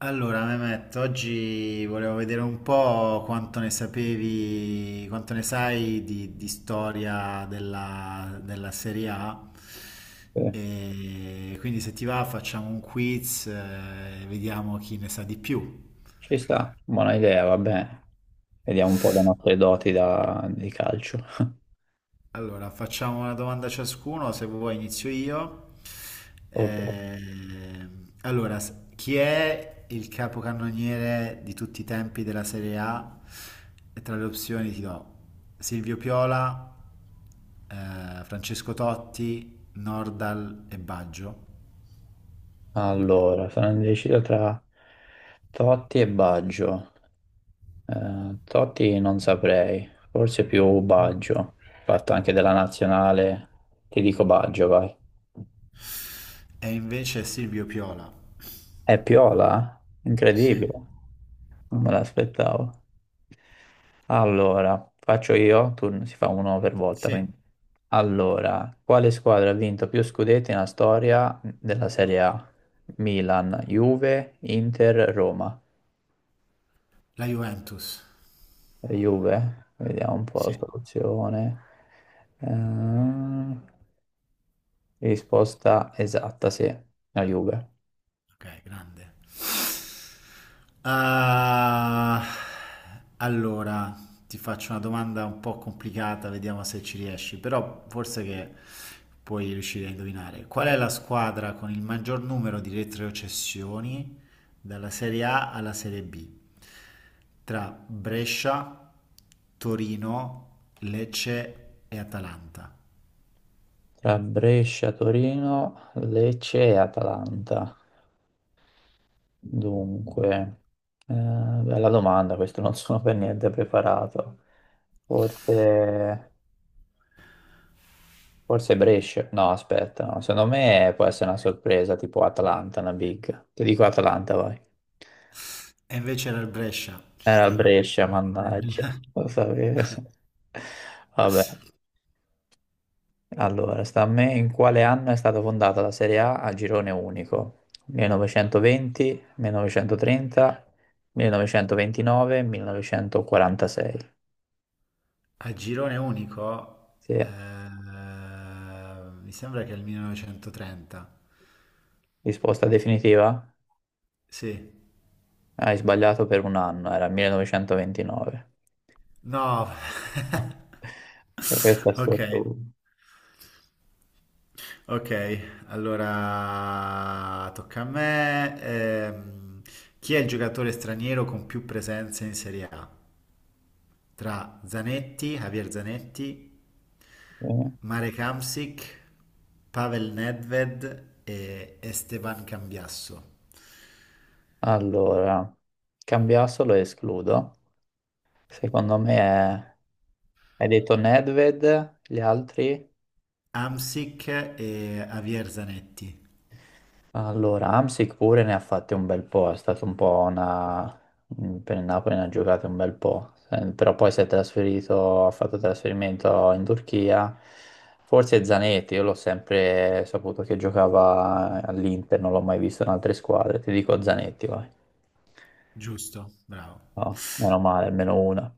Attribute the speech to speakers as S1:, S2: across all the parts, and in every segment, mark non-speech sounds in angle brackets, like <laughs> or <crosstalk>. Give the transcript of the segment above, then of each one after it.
S1: Allora, Mehmet, oggi volevo vedere un po' quanto ne sapevi, quanto ne sai di storia della Serie A.
S2: Sì.
S1: E quindi se ti va facciamo un quiz, e vediamo chi ne sa di più.
S2: Ci sta, buona idea, vabbè. Vediamo un po' le nostre doti di calcio. <laughs>
S1: Allora, facciamo una domanda ciascuno, se vuoi inizio io.
S2: Ok.
S1: Allora, chi è il capocannoniere di tutti i tempi della Serie A? E tra le opzioni ti do Silvio Piola, Francesco Totti, Nordal e Baggio.
S2: Allora, sono indeciso tra Totti e Baggio. Totti non saprei, forse più Baggio. Fatto anche della nazionale, ti dico Baggio, vai.
S1: E invece Silvio Piola.
S2: È Piola?
S1: Sì,
S2: Incredibile, non me l'aspettavo. Allora, faccio io, si fa uno per volta,
S1: sì.
S2: quindi. Allora, quale squadra ha vinto più scudetti nella storia della Serie A? Milan, Juve, Inter, Roma.
S1: La Juventus.
S2: Juve, vediamo un po' la
S1: Sì.
S2: soluzione. Ehm, risposta esatta, sì, la Juve.
S1: Ok, grande. Ah, allora, ti faccio una domanda un po' complicata, vediamo se ci riesci, però forse che puoi riuscire a indovinare. Qual è la squadra con il maggior numero di retrocessioni dalla Serie A alla Serie B? Tra Brescia, Torino, Lecce e Atalanta.
S2: Tra Brescia, Torino, Lecce e Atalanta. Dunque, bella domanda, questo non <laughs> sono per niente preparato. Forse, forse Brescia. No, aspetta, no. Secondo me può essere una sorpresa tipo Atalanta, una big. Ti dico Atalanta, vai.
S1: E invece era il Brescia, ci
S2: Era il
S1: stavo io.
S2: Brescia, mannaggia, lo
S1: <laughs>
S2: sapevo. <laughs> Vabbè, allora, sta a me, in quale anno è stata fondata la Serie A a girone unico? 1920, 1930, 1929, 1946.
S1: A girone unico,
S2: Sì,
S1: mi sembra che è il 1930.
S2: risposta definitiva?
S1: Sì.
S2: Hai sbagliato per un anno, era 1929.
S1: No, <laughs>
S2: <laughs> E questo è
S1: ok,
S2: sotto.
S1: ok, allora tocca a me. Chi è il giocatore straniero con più presenze in Serie A? Tra Zanetti, Javier Zanetti,
S2: eh.
S1: Marek Hamsik, Pavel Nedved e Esteban Cambiasso.
S2: Allora, cambiassolo e escludo. Secondo me è... Hai detto Nedved, gli altri?
S1: Hamsik e Javier Zanetti,
S2: Allora, Amsic pure ne ha fatte un bel po', è stato un po' una... Per il Napoli ne ha giocate un bel po', però poi si è trasferito, ha fatto trasferimento in Turchia, forse Zanetti, io l'ho sempre saputo che giocava all'Inter, non l'ho mai visto in altre squadre, ti dico Zanetti, vai.
S1: giusto, bravo.
S2: No, meno male, almeno una.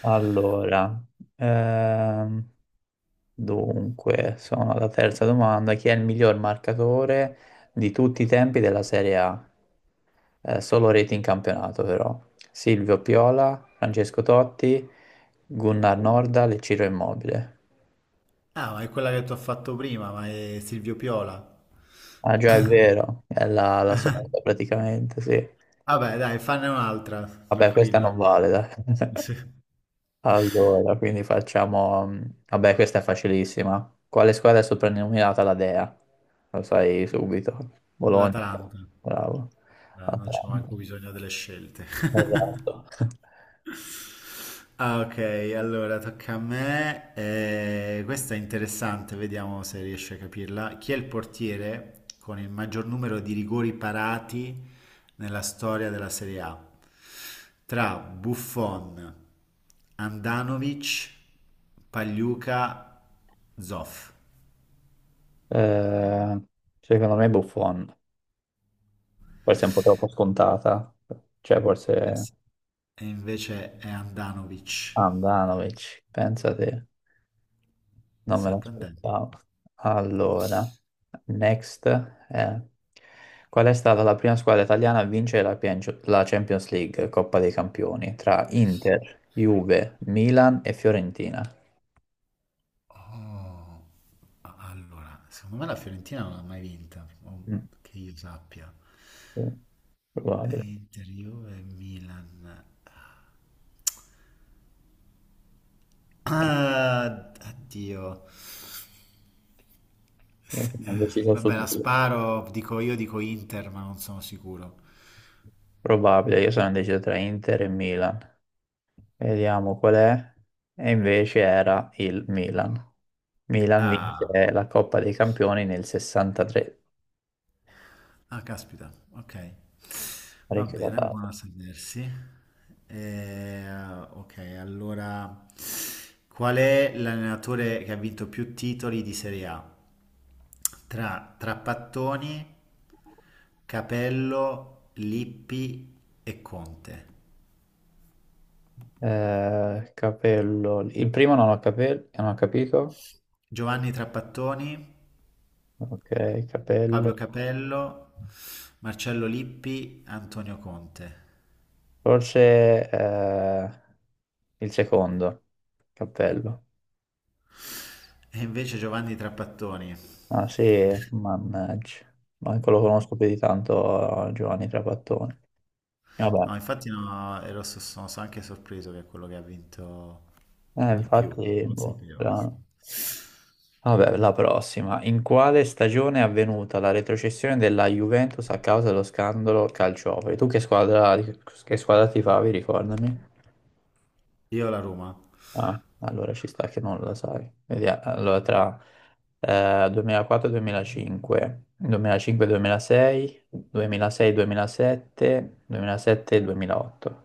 S2: Allora, ehm, dunque, sono alla terza domanda. Chi è il miglior marcatore di tutti i tempi della Serie A? Solo reti in campionato, però. Silvio Piola, Francesco Totti, Gunnar Norda e Ciro Immobile.
S1: Ah, ma è quella che ti ho fatto prima, ma è Silvio Piola.
S2: Ah, già è vero, è la solita praticamente, sì.
S1: Vabbè, dai, fanne un'altra,
S2: Vabbè, questa non
S1: tranquillo.
S2: vale, dai. <laughs>
S1: Sì.
S2: Allora, quindi facciamo... Vabbè, questa è facilissima. Quale squadra è soprannominata la Dea? Lo sai subito. Bologna.
S1: L'Atalanta.
S2: Bravo.
S1: Dai, non c'è
S2: Atalanta.
S1: manco bisogno delle scelte. <laughs>
S2: Esatto. <laughs>
S1: Ah, ok, allora tocca a me. Questa è interessante, vediamo se riesci a capirla. Chi è il portiere con il maggior numero di rigori parati nella storia della Serie A? Tra Buffon, Andanovic, Pagliuca, Zoff.
S2: Eh, secondo me Buffon. Forse è un po' troppo scontata. Cioè, forse
S1: E invece è Andanovic.
S2: Andanovic, pensa te.
S1: È
S2: Non me
S1: sorprendente.
S2: l'aspettavo. Allora, next è... Qual è stata la prima squadra italiana a vincere la la Champions League, Coppa dei Campioni, tra Inter, Juve, Milan e Fiorentina?
S1: Oh, allora, secondo me la Fiorentina non l'ha mai vinta, o
S2: Mm,
S1: che io sappia.
S2: sì,
S1: E
S2: probabile.
S1: Inter, Juve, Milan.
S2: Eh,
S1: Ah, addio.
S2: Io
S1: S- eh,
S2: sono deciso su
S1: Vabbè, la
S2: due.
S1: sparo, dico io, dico Inter, ma non sono sicuro.
S2: Probabile, io sono indeciso tra Inter e Milan. Vediamo qual è. E invece era il Milan. Milan
S1: Ah.
S2: vince la Coppa dei Campioni nel 63,
S1: Ah, caspita, ok. Va
S2: parecchio
S1: bene,
S2: datato.
S1: buono a sapersi. Eh, ok, allora, qual è l'allenatore che ha vinto più titoli di Serie A? Tra Trapattoni, Capello, Lippi e Conte.
S2: Capello. Il primo non ho, capelli, non ho capito.
S1: Giovanni Trapattoni,
S2: Ok,
S1: Fabio
S2: capello.
S1: Capello, Marcello Lippi, Antonio Conte.
S2: Forse, il secondo. Cappello.
S1: E invece Giovanni Trapattoni.
S2: Ah sì, mannaggia. Manco lo conosco più di tanto, Giovanni Trapattoni. Vabbè,
S1: No, infatti no, ero, sono anche sorpreso che è quello che ha vinto di più.
S2: infatti,
S1: Non lo
S2: boh,
S1: sapevo questo.
S2: strano. Vabbè, la prossima. In quale stagione è avvenuta la retrocessione della Juventus a causa dello scandalo calciofero? Tu che squadra tifavi, ricordami?
S1: Io la Roma.
S2: Ah, allora ci sta che non la sai. Vediamo. Allora, tra 2004 e 2005, 2005 2006, 2006 2007, 2007 e 2008.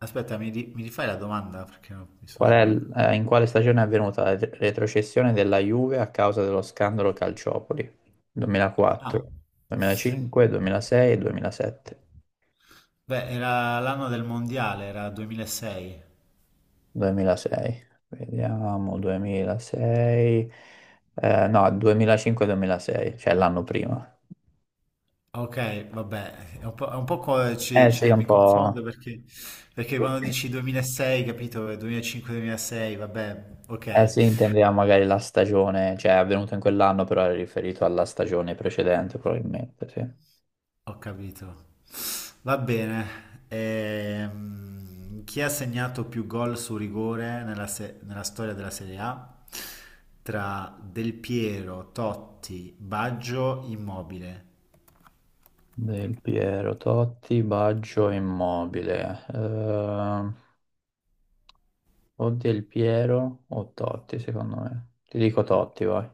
S1: Aspetta, mi rifai la domanda? Perché no, mi
S2: Qual
S1: sono.
S2: è, in quale stagione è avvenuta la retrocessione della Juve a causa dello scandalo Calciopoli?
S1: Ah,
S2: 2004, 2005, 2006 e 2007.
S1: beh, era l'anno del mondiale, era 2006.
S2: 2006, vediamo, 2006, no, 2005-2006, cioè l'anno prima.
S1: Ok, vabbè, è un po'
S2: Eh sì,
S1: cioè,
S2: un
S1: mi confondo
S2: po'.
S1: perché quando dici 2006, capito, 2005-2006, vabbè,
S2: Eh
S1: ok.
S2: sì, intendeva magari la stagione, cioè è avvenuto in quell'anno, però era riferito alla stagione precedente, probabilmente, sì.
S1: Ho capito. Va bene. Chi ha segnato più gol su rigore nella, se- nella storia della Serie A? Tra Del Piero, Totti, Baggio, Immobile.
S2: Del Piero, Totti, Baggio, Immobile. O Del Piero o Totti, secondo me. Ti dico Totti, vai.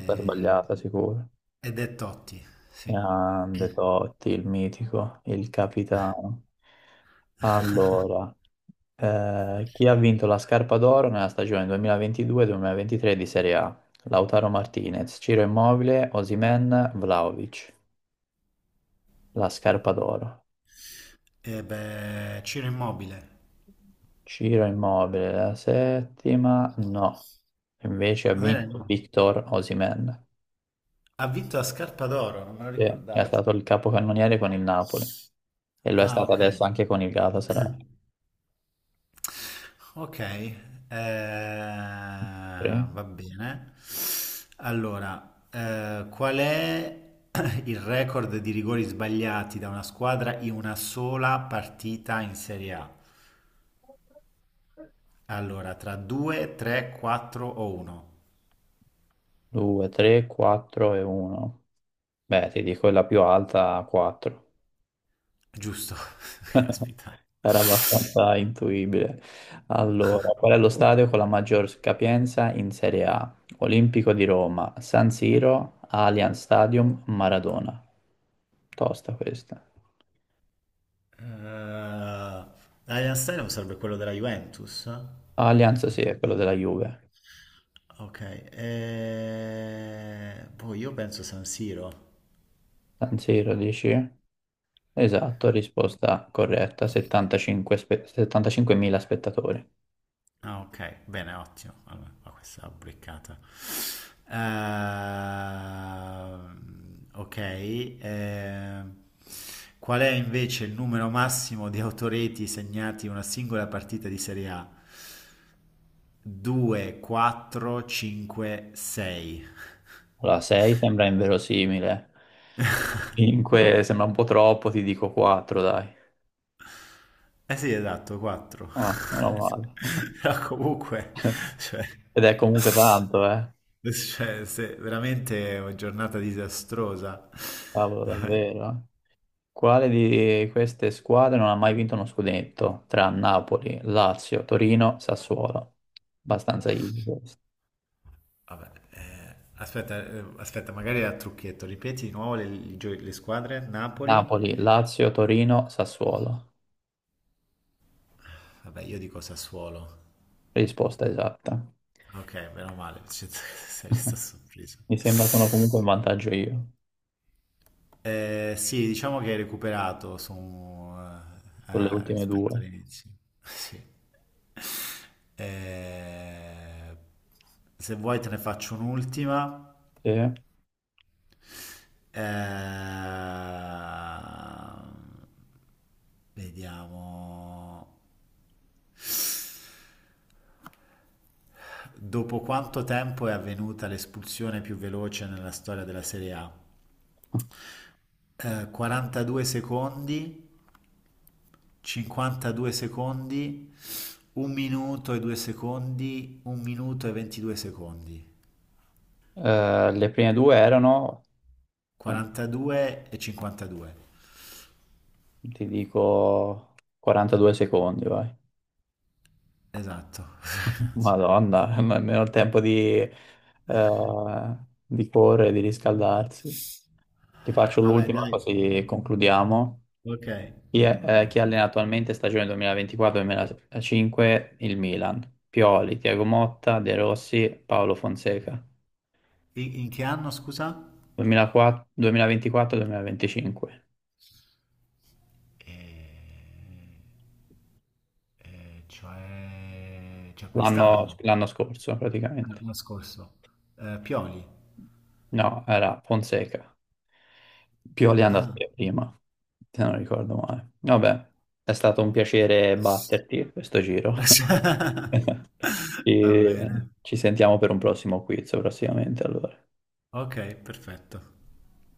S2: Sta sbagliata, sicuro.
S1: ed è Totti, sì.
S2: Grande Totti, il mitico, il capitano. Allora. Chi ha vinto la scarpa d'oro nella stagione 2022-2023 di Serie A? Lautaro Martinez, Ciro Immobile, Osimhen, Vlahovic. La scarpa d'oro.
S1: E beh, Ciro Immobile.
S2: Ciro Immobile, la settima, no. Invece ha
S1: Non era
S2: vinto
S1: Immobile.
S2: Victor Osimhen,
S1: Ha vinto a scarpa d'oro, non me lo
S2: che è
S1: ricordavo.
S2: stato il capocannoniere con il Napoli e lo è
S1: Ah,
S2: stato
S1: ok.
S2: adesso anche con il Galatasaray.
S1: Ok,
S2: 3,
S1: va bene. Allora, qual è <clears throat> il record di rigori sbagliati da una squadra in una sola partita in Serie A? Allora, tra 2, 3, 4 o 1?
S2: 2, 3, 4 e 1. Beh, ti dico è la più alta, 4.
S1: Giusto, <laughs> caspita.
S2: Era abbastanza intuibile. Allora, qual è lo stadio con la maggior capienza in Serie A? Olimpico di Roma, San Siro, Allianz Stadium, Maradona. Tosta questa.
S1: Eh, Allianz Stadium sarebbe quello della Juventus?
S2: Allianz sì, è quello della Juve.
S1: Ok, boh, io penso San Siro.
S2: San Siro dici? Esatto, risposta corretta, 75 75.000 spettatori.
S1: Ah, ok, bene, ottimo. Allora, qua questa l'ho beccata. Ok, ehm, qual è invece il numero massimo di autoreti segnati in una singola partita di Serie A? 2, 4, 5, 6.
S2: Allora, 6 sembra inverosimile, 5 sembra un po' troppo, ti dico 4, dai.
S1: Eh sì, esatto, 4.
S2: Ah, meno
S1: <laughs>
S2: male.
S1: Però comunque,
S2: <laughs>
S1: cioè,
S2: Ed è comunque tanto, eh.
S1: cioè, veramente è una giornata disastrosa.
S2: Cavolo,
S1: <laughs>
S2: davvero. Quale di queste squadre non ha mai vinto uno scudetto? Tra Napoli, Lazio, Torino, Sassuolo. Abbastanza easy questo.
S1: Vabbè, aspetta, magari era trucchetto. Ripeti di nuovo le squadre. Napoli.
S2: Napoli, Lazio, Torino, Sassuolo.
S1: Vabbè, io dico Sassuolo.
S2: Risposta esatta.
S1: Ok, meno male, <laughs> cioè, sei rimasto
S2: <laughs>
S1: sorpreso.
S2: Mi sembra sono comunque in vantaggio io,
S1: Eh sì, diciamo che hai recuperato su,
S2: sulle ultime
S1: rispetto
S2: due.
S1: all'inizio. <laughs> Sì. Eh, se vuoi te ne faccio un'ultima.
S2: Sì.
S1: Eh, vediamo. Dopo quanto tempo è avvenuta l'espulsione più veloce nella storia della Serie A? 42 secondi, 52 secondi, 1 minuto e 2 secondi, 1 minuto e 22 secondi.
S2: Le prime due erano, quanti-
S1: 42 e 52.
S2: ti dico, 42 secondi, vai.
S1: Esatto.
S2: Madonna, <laughs> nemmeno il tempo di correre, di riscaldarsi. Ti
S1: <laughs>
S2: faccio
S1: Vabbè,
S2: l'ultima
S1: dai.
S2: così concludiamo.
S1: Ok.
S2: Chi allena attualmente stagione 2024-2025 il Milan? Pioli, Tiago Motta, De Rossi, Paolo Fonseca.
S1: In che anno, scusa?
S2: 2004 2024-2025,
S1: Eh, cioè
S2: l'anno
S1: quest'anno,
S2: l'anno scorso praticamente.
S1: l'anno scorso. Pioli.
S2: No, era Fonseca. Pioli è andato
S1: Ah.
S2: via prima, se non ricordo male. Vabbè, è stato un piacere batterti questo giro.
S1: <laughs>
S2: <laughs>
S1: Va bene.
S2: E ci sentiamo per un prossimo quiz prossimamente, allora.
S1: Ok, perfetto.